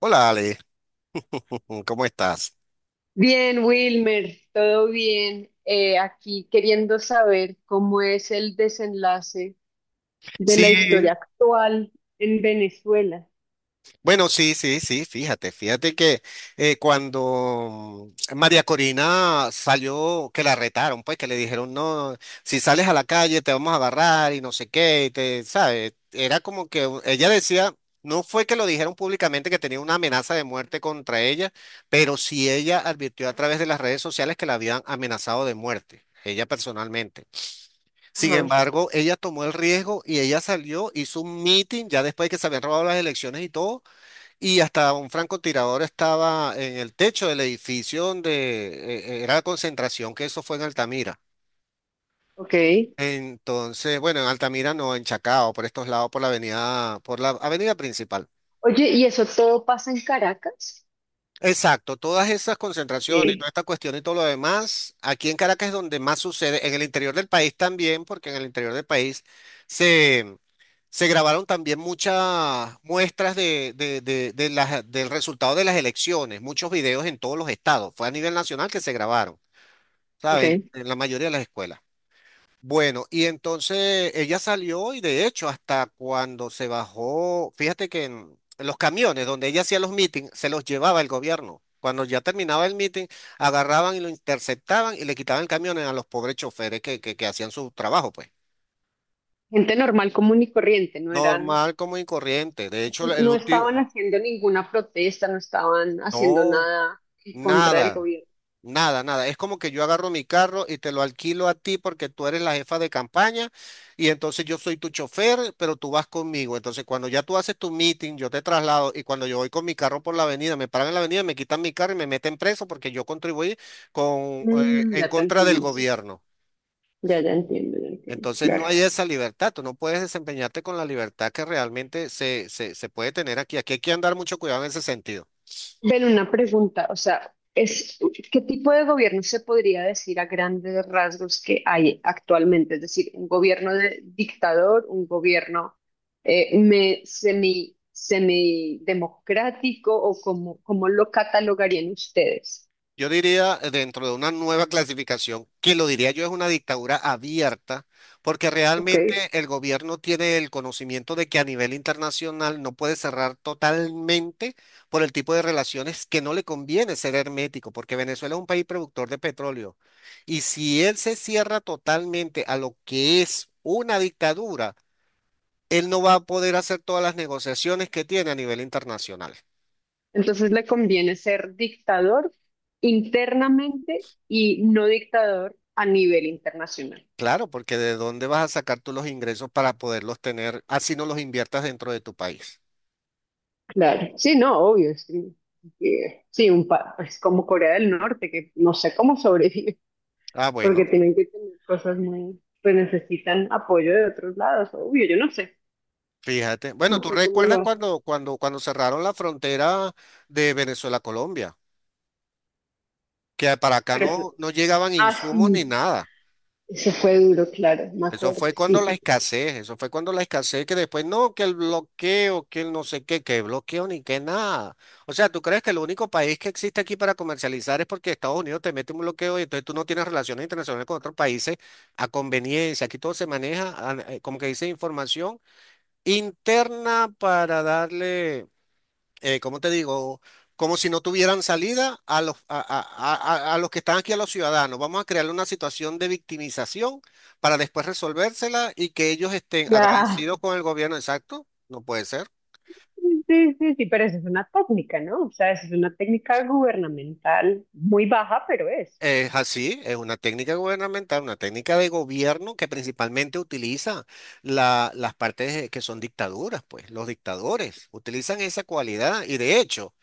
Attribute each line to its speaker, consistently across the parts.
Speaker 1: Hola Ale, ¿cómo estás?
Speaker 2: Bien, Wilmer, todo bien. Aquí queriendo saber cómo es el desenlace de la
Speaker 1: Sí,
Speaker 2: historia actual en Venezuela.
Speaker 1: bueno, sí, sí, sí, fíjate, fíjate que cuando María Corina salió, que la retaron, pues que le dijeron, no, si sales a la calle te vamos a agarrar y no sé qué, y te, ¿sabes? Era como que ella decía, no fue que lo dijeron públicamente que tenía una amenaza de muerte contra ella, pero sí ella advirtió a través de las redes sociales que la habían amenazado de muerte, ella personalmente. Sin
Speaker 2: Ajá,
Speaker 1: embargo, ella tomó el riesgo y ella salió, hizo un meeting ya después de que se habían robado las elecciones y todo, y hasta un francotirador estaba en el techo del edificio donde era la concentración, que eso fue en Altamira.
Speaker 2: ok.
Speaker 1: Entonces, bueno, en Altamira no, en Chacao, por estos lados, por la avenida principal.
Speaker 2: Oye, ¿y eso todo pasa en Caracas?
Speaker 1: Exacto, todas esas concentraciones, toda
Speaker 2: Sí,
Speaker 1: esta cuestión y todo lo demás, aquí en Caracas es donde más sucede, en el interior del país también, porque en el interior del país se Se grabaron también muchas muestras del resultado de las elecciones, muchos videos en todos los estados. Fue a nivel nacional que se grabaron,
Speaker 2: ok.
Speaker 1: ¿saben? En la mayoría de las escuelas. Bueno, y entonces ella salió y de hecho hasta cuando se bajó, fíjate que en los camiones donde ella hacía los meetings, se los llevaba el gobierno. Cuando ya terminaba el meeting, agarraban y lo interceptaban y le quitaban el camión a los pobres choferes que hacían su trabajo, pues.
Speaker 2: Gente normal, común y corriente, no eran,
Speaker 1: Normal, como y corriente. De hecho, el
Speaker 2: no
Speaker 1: último.
Speaker 2: estaban haciendo ninguna protesta, no estaban haciendo
Speaker 1: No,
Speaker 2: nada en contra del
Speaker 1: nada,
Speaker 2: gobierno.
Speaker 1: nada, nada. Es como que yo agarro mi carro y te lo alquilo a ti porque tú eres la jefa de campaña y entonces yo soy tu chofer, pero tú vas conmigo. Entonces cuando ya tú haces tu meeting, yo te traslado y cuando yo voy con mi carro por la avenida, me paran en la avenida, me quitan mi carro y me meten preso porque yo contribuí con,
Speaker 2: Mm,
Speaker 1: en
Speaker 2: ya te
Speaker 1: contra del
Speaker 2: entiendo, sí, sí.
Speaker 1: gobierno.
Speaker 2: Ya, ya entiendo, ya entiendo.
Speaker 1: Entonces
Speaker 2: Claro.
Speaker 1: no hay esa libertad, tú no puedes desempeñarte con la libertad que realmente se puede tener aquí. Aquí hay que andar mucho cuidado en ese sentido.
Speaker 2: Ven, una pregunta, o sea, es, ¿qué tipo de gobierno se podría decir a grandes rasgos que hay actualmente? Es decir, un gobierno de dictador, un gobierno semi, semidemocrático o cómo, cómo lo catalogarían ustedes.
Speaker 1: Yo diría, dentro de una nueva clasificación, que lo diría yo es una dictadura abierta, porque
Speaker 2: ¿Ok?
Speaker 1: realmente el gobierno tiene el conocimiento de que a nivel internacional no puede cerrar totalmente por el tipo de relaciones que no le conviene ser hermético, porque Venezuela es un país productor de petróleo. Y si él se cierra totalmente a lo que es una dictadura, él no va a poder hacer todas las negociaciones que tiene a nivel internacional.
Speaker 2: Entonces le conviene ser dictador internamente y no dictador a nivel internacional.
Speaker 1: Claro, porque ¿de dónde vas a sacar tú los ingresos para poderlos tener, así no los inviertas dentro de tu país?
Speaker 2: Claro, sí, no, obvio, sí. Sí, un pa es como Corea del Norte, que no sé cómo sobrevive,
Speaker 1: Ah,
Speaker 2: porque
Speaker 1: bueno,
Speaker 2: tienen que tener cosas muy, pues necesitan apoyo de otros lados, obvio, yo no sé,
Speaker 1: fíjate. Bueno,
Speaker 2: no
Speaker 1: ¿tú
Speaker 2: sé cómo
Speaker 1: recuerdas
Speaker 2: lo hacen,
Speaker 1: cuando cerraron la frontera de Venezuela a Colombia? Que para acá
Speaker 2: pero
Speaker 1: no,
Speaker 2: fue-
Speaker 1: no llegaban
Speaker 2: ah,
Speaker 1: insumos ni
Speaker 2: sí,
Speaker 1: nada.
Speaker 2: eso fue duro, claro, me
Speaker 1: Eso
Speaker 2: acuerdo,
Speaker 1: fue
Speaker 2: sí,
Speaker 1: cuando la
Speaker 2: sí,
Speaker 1: escasez, eso fue cuando la escasez que después no, que el bloqueo, que el no sé qué, que bloqueo ni que nada. O sea, ¿tú crees que el único país que existe aquí para comercializar es porque Estados Unidos te mete un bloqueo y entonces tú no tienes relaciones internacionales con otros países a conveniencia? Aquí todo se maneja, ah, como que dice, información interna para darle ¿cómo te digo? Como si no tuvieran salida a los, a los que están aquí, a los ciudadanos. Vamos a crear una situación de victimización para después resolvérsela y que ellos estén agradecidos
Speaker 2: claro,
Speaker 1: con el gobierno. Exacto, no puede ser.
Speaker 2: sí, sí, sí, pero eso es una técnica, ¿no? O sea, eso es una técnica gubernamental muy baja, pero es.
Speaker 1: Es así, es una técnica gubernamental, una técnica de gobierno que principalmente utiliza las partes que son dictaduras, pues los dictadores utilizan esa cualidad y de hecho...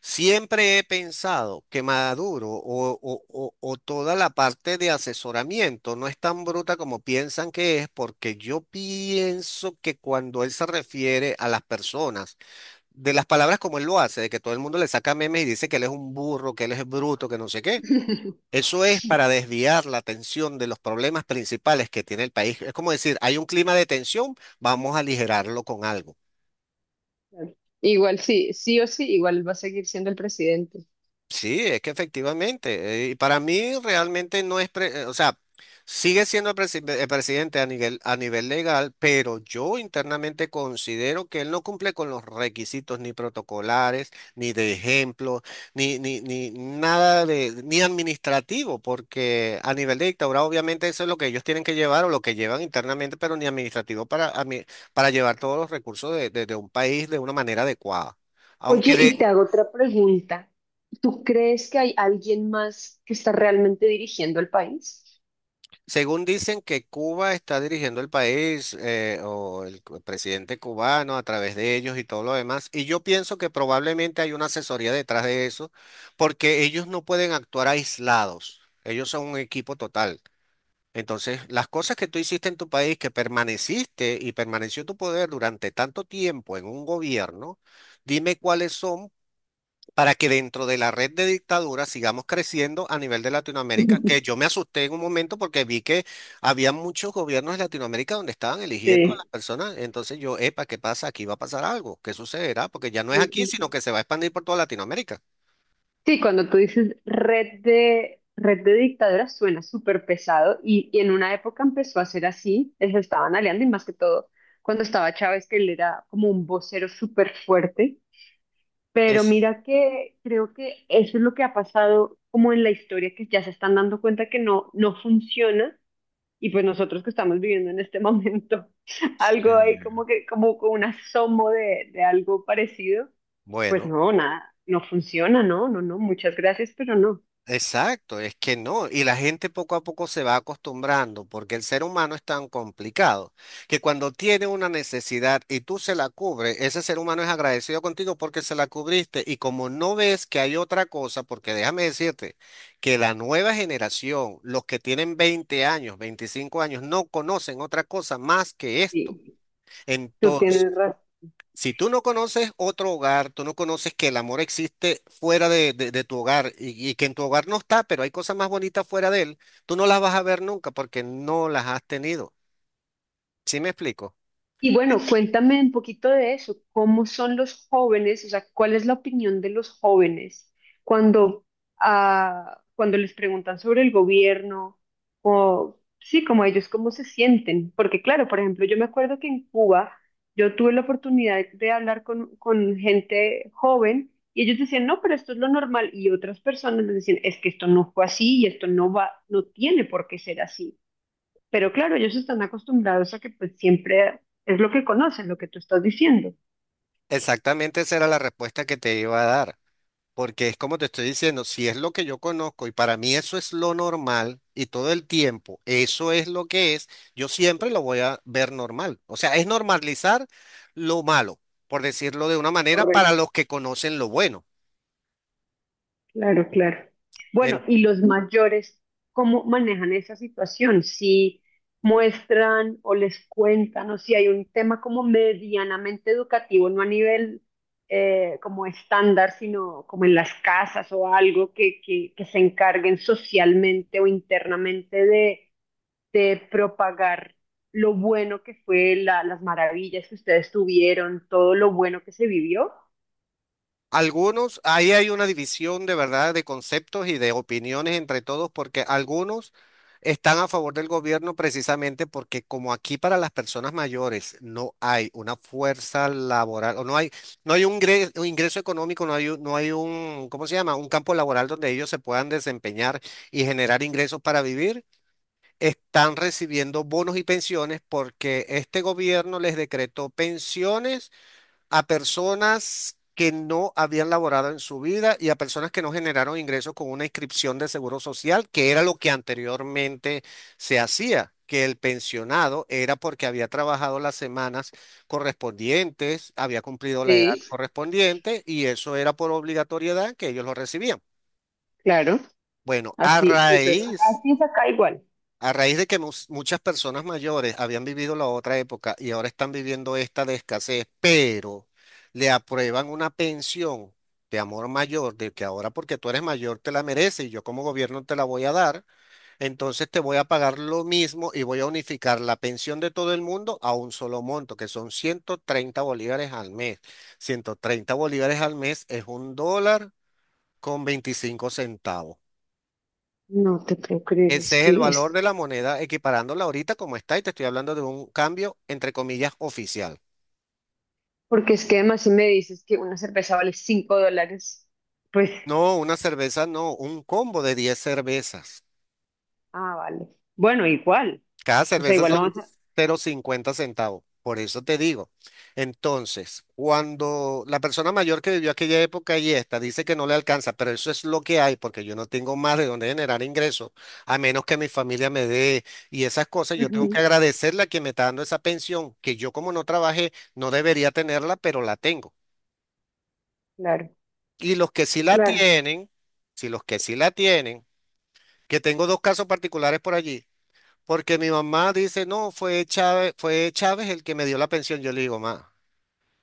Speaker 1: Siempre he pensado que Maduro o toda la parte de asesoramiento no es tan bruta como piensan que es, porque yo pienso que cuando él se refiere a las personas, de las palabras como él lo hace, de que todo el mundo le saca memes y dice que él es un burro, que él es bruto, que no sé qué, eso es para desviar la atención de los problemas principales que tiene el país. Es como decir, hay un clima de tensión, vamos a aligerarlo con algo.
Speaker 2: Igual sí, sí o sí, igual va a seguir siendo el presidente.
Speaker 1: Sí, es que efectivamente, y para mí realmente no es, o sea, sigue siendo el, presidente a nivel legal, pero yo internamente considero que él no cumple con los requisitos ni protocolares, ni de ejemplo, ni nada de, ni administrativo, porque a nivel de dictadura obviamente eso es lo que ellos tienen que llevar o lo que llevan internamente, pero ni administrativo para, para llevar todos los recursos de un país de una manera adecuada.
Speaker 2: Oye,
Speaker 1: Aunque de,
Speaker 2: y te hago otra pregunta. ¿Tú crees que hay alguien más que está realmente dirigiendo el país?
Speaker 1: según dicen que Cuba está dirigiendo el país o el presidente cubano a través de ellos y todo lo demás, y yo pienso que probablemente hay una asesoría detrás de eso, porque ellos no pueden actuar aislados, ellos son un equipo total. Entonces, las cosas que tú hiciste en tu país, que permaneciste y permaneció tu poder durante tanto tiempo en un gobierno, dime cuáles son para que dentro de la red de dictaduras sigamos creciendo a nivel de Latinoamérica, que yo me asusté en un momento porque vi que había muchos gobiernos de Latinoamérica donde estaban eligiendo a
Speaker 2: Sí,
Speaker 1: las personas, entonces yo, epa, ¿qué pasa? Aquí va a pasar algo, ¿qué sucederá? Porque ya no es
Speaker 2: sí,
Speaker 1: aquí,
Speaker 2: sí,
Speaker 1: sino
Speaker 2: sí.
Speaker 1: que se va a expandir por toda Latinoamérica.
Speaker 2: Sí, cuando tú dices red de dictaduras suena súper pesado y en una época empezó a ser así, se estaban aliando y más que todo cuando estaba Chávez, que él era como un vocero súper fuerte, pero
Speaker 1: Es,
Speaker 2: mira que creo que eso es lo que ha pasado como en la historia, que ya se están dando cuenta que no, no funciona. Y pues nosotros que estamos viviendo en este momento
Speaker 1: sí.
Speaker 2: algo ahí como que, como con un asomo de algo parecido, pues
Speaker 1: Bueno.
Speaker 2: no, nada, no funciona, no, no, no, muchas gracias, pero no.
Speaker 1: Exacto, es que no, y la gente poco a poco se va acostumbrando, porque el ser humano es tan complicado que cuando tiene una necesidad y tú se la cubres, ese ser humano es agradecido contigo porque se la cubriste y como no ves que hay otra cosa, porque déjame decirte que la nueva generación, los que tienen 20 años, 25 años, no conocen otra cosa más que esto.
Speaker 2: Sí, tú
Speaker 1: Entonces,
Speaker 2: tienes razón.
Speaker 1: si tú no conoces otro hogar, tú no conoces que el amor existe fuera de tu hogar y que en tu hogar no está, pero hay cosas más bonitas fuera de él, tú no las vas a ver nunca porque no las has tenido. ¿Sí me explico?
Speaker 2: Y bueno, cuéntame un poquito de eso, ¿cómo son los jóvenes? O sea, ¿cuál es la opinión de los jóvenes cuando, cuando les preguntan sobre el gobierno? O sí, como ellos, ¿cómo se sienten? Porque claro, por ejemplo, yo me acuerdo que en Cuba yo tuve la oportunidad de hablar con gente joven y ellos decían, no, pero esto es lo normal. Y otras personas les decían, es que esto no fue así y esto no va, no tiene por qué ser así. Pero claro, ellos están acostumbrados a que pues siempre es lo que conocen, lo que tú estás diciendo.
Speaker 1: Exactamente esa era la respuesta que te iba a dar, porque es como te estoy diciendo, si es lo que yo conozco y para mí eso es lo normal y todo el tiempo eso es lo que es, yo siempre lo voy a ver normal. O sea, es normalizar lo malo, por decirlo de una manera, para
Speaker 2: Correcto.
Speaker 1: los que conocen lo bueno.
Speaker 2: Claro, claro. Bueno, ¿y los mayores cómo manejan esa situación? Si muestran o les cuentan o si hay un tema como medianamente educativo, no a nivel como estándar, sino como en las casas o algo que se encarguen socialmente o internamente de propagar lo bueno que fue, la, las maravillas que ustedes tuvieron, todo lo bueno que se vivió.
Speaker 1: Algunos, ahí hay una división de verdad de conceptos y de opiniones entre todos, porque algunos están a favor del gobierno precisamente porque como aquí para las personas mayores no hay una fuerza laboral o no hay, no hay un ingreso, económico, no hay, no hay un, ¿cómo se llama? Un campo laboral donde ellos se puedan desempeñar y generar ingresos para vivir, están recibiendo bonos y pensiones porque este gobierno les decretó pensiones a personas que no habían laborado en su vida y a personas que no generaron ingresos con una inscripción de seguro social, que era lo que anteriormente se hacía, que el pensionado era porque había trabajado las semanas correspondientes, había cumplido la edad
Speaker 2: Sí,
Speaker 1: correspondiente y eso era por obligatoriedad que ellos lo recibían.
Speaker 2: claro.
Speaker 1: Bueno, a
Speaker 2: Así, pues es acá,
Speaker 1: raíz
Speaker 2: así es acá igual.
Speaker 1: a raíz de que muchas personas mayores habían vivido la otra época y ahora están viviendo esta de escasez, pero le aprueban una pensión de amor mayor, de que ahora porque tú eres mayor te la mereces y yo como gobierno te la voy a dar, entonces te voy a pagar lo mismo y voy a unificar la pensión de todo el mundo a un solo monto, que son 130 bolívares al mes. 130 bolívares al mes es $1,25.
Speaker 2: No te puedo creer, es
Speaker 1: Ese es el
Speaker 2: que
Speaker 1: valor
Speaker 2: es...
Speaker 1: de la moneda equiparándola ahorita como está y te estoy hablando de un cambio entre comillas oficial.
Speaker 2: Porque es que además si me dices que una cerveza vale 5 dólares, pues,
Speaker 1: No, una cerveza, no, un combo de 10 cervezas.
Speaker 2: ah, vale. Bueno, igual.
Speaker 1: Cada
Speaker 2: O sea,
Speaker 1: cerveza
Speaker 2: igual no
Speaker 1: son
Speaker 2: vas a...
Speaker 1: 0,50 centavos. Por eso te digo. Entonces, cuando la persona mayor que vivió aquella época y esta dice que no le alcanza, pero eso es lo que hay, porque yo no tengo más de dónde generar ingresos, a menos que mi familia me dé y esas cosas, yo tengo que
Speaker 2: Ujú,
Speaker 1: agradecerle a quien me está dando esa pensión, que yo como no trabajé, no debería tenerla, pero la tengo.
Speaker 2: claro,
Speaker 1: Y los que sí la
Speaker 2: claro.
Speaker 1: tienen, si los que sí la tienen, que tengo dos casos particulares por allí. Porque mi mamá dice, no, fue Chávez el que me dio la pensión. Yo le digo, ma,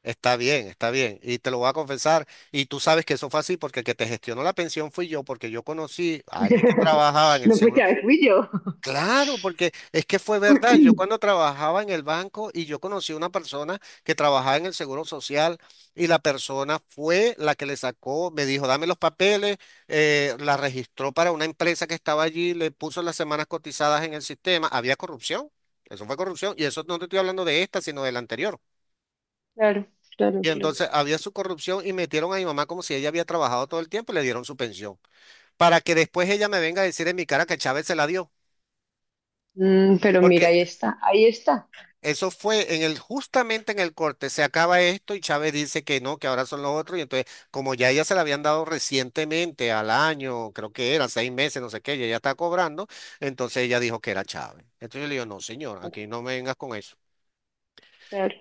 Speaker 1: está bien, está bien. Y te lo voy a confesar. Y tú sabes que eso fue así porque el que te gestionó la pensión fui yo, porque yo conocí a alguien que trabajaba en el
Speaker 2: No fue que
Speaker 1: seguro.
Speaker 2: a ver, fui yo.
Speaker 1: Claro, porque es que fue verdad. Yo cuando trabajaba en el banco y yo conocí a una persona que trabajaba en el Seguro Social y la persona fue la que le sacó, me dijo, dame los papeles, la registró para una empresa que estaba allí, le puso las semanas cotizadas en el sistema. Había corrupción, eso fue corrupción y eso no te estoy hablando de esta, sino de la anterior.
Speaker 2: Claro, claro,
Speaker 1: Y
Speaker 2: claro.
Speaker 1: entonces había su corrupción y metieron a mi mamá como si ella había trabajado todo el tiempo y le dieron su pensión. Para que después ella me venga a decir en mi cara que Chávez se la dio.
Speaker 2: Mm, pero mira,
Speaker 1: Porque
Speaker 2: ahí está, ahí está.
Speaker 1: eso fue en el, justamente en el corte, se acaba esto y Chávez dice que no, que ahora son los otros. Y entonces, como ya ella se la habían dado recientemente, al año, creo que era, 6 meses, no sé qué, y ella está cobrando, entonces ella dijo que era Chávez. Entonces yo le digo, no, señor, aquí no me vengas con eso.
Speaker 2: Claro.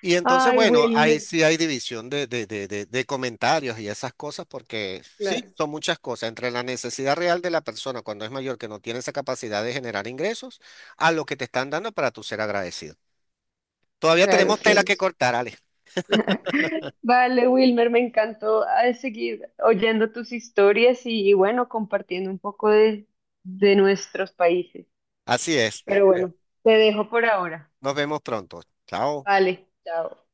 Speaker 1: Y entonces,
Speaker 2: Ay,
Speaker 1: bueno, ahí
Speaker 2: Wilmer,
Speaker 1: sí hay división de comentarios y esas cosas, porque sí,
Speaker 2: claro,
Speaker 1: son muchas cosas, entre la necesidad real de la persona cuando es mayor, que no tiene esa capacidad de generar ingresos, a lo que te están dando para tu ser agradecido. Todavía
Speaker 2: claro,
Speaker 1: tenemos tela
Speaker 2: claro,
Speaker 1: que
Speaker 2: sí.
Speaker 1: cortar, Ale.
Speaker 2: Vale, Wilmer, me encantó seguir oyendo tus historias y bueno, compartiendo un poco de nuestros países.
Speaker 1: Así es.
Speaker 2: Pero bueno, te dejo por ahora.
Speaker 1: Nos vemos pronto. Chao.
Speaker 2: Vale, chao.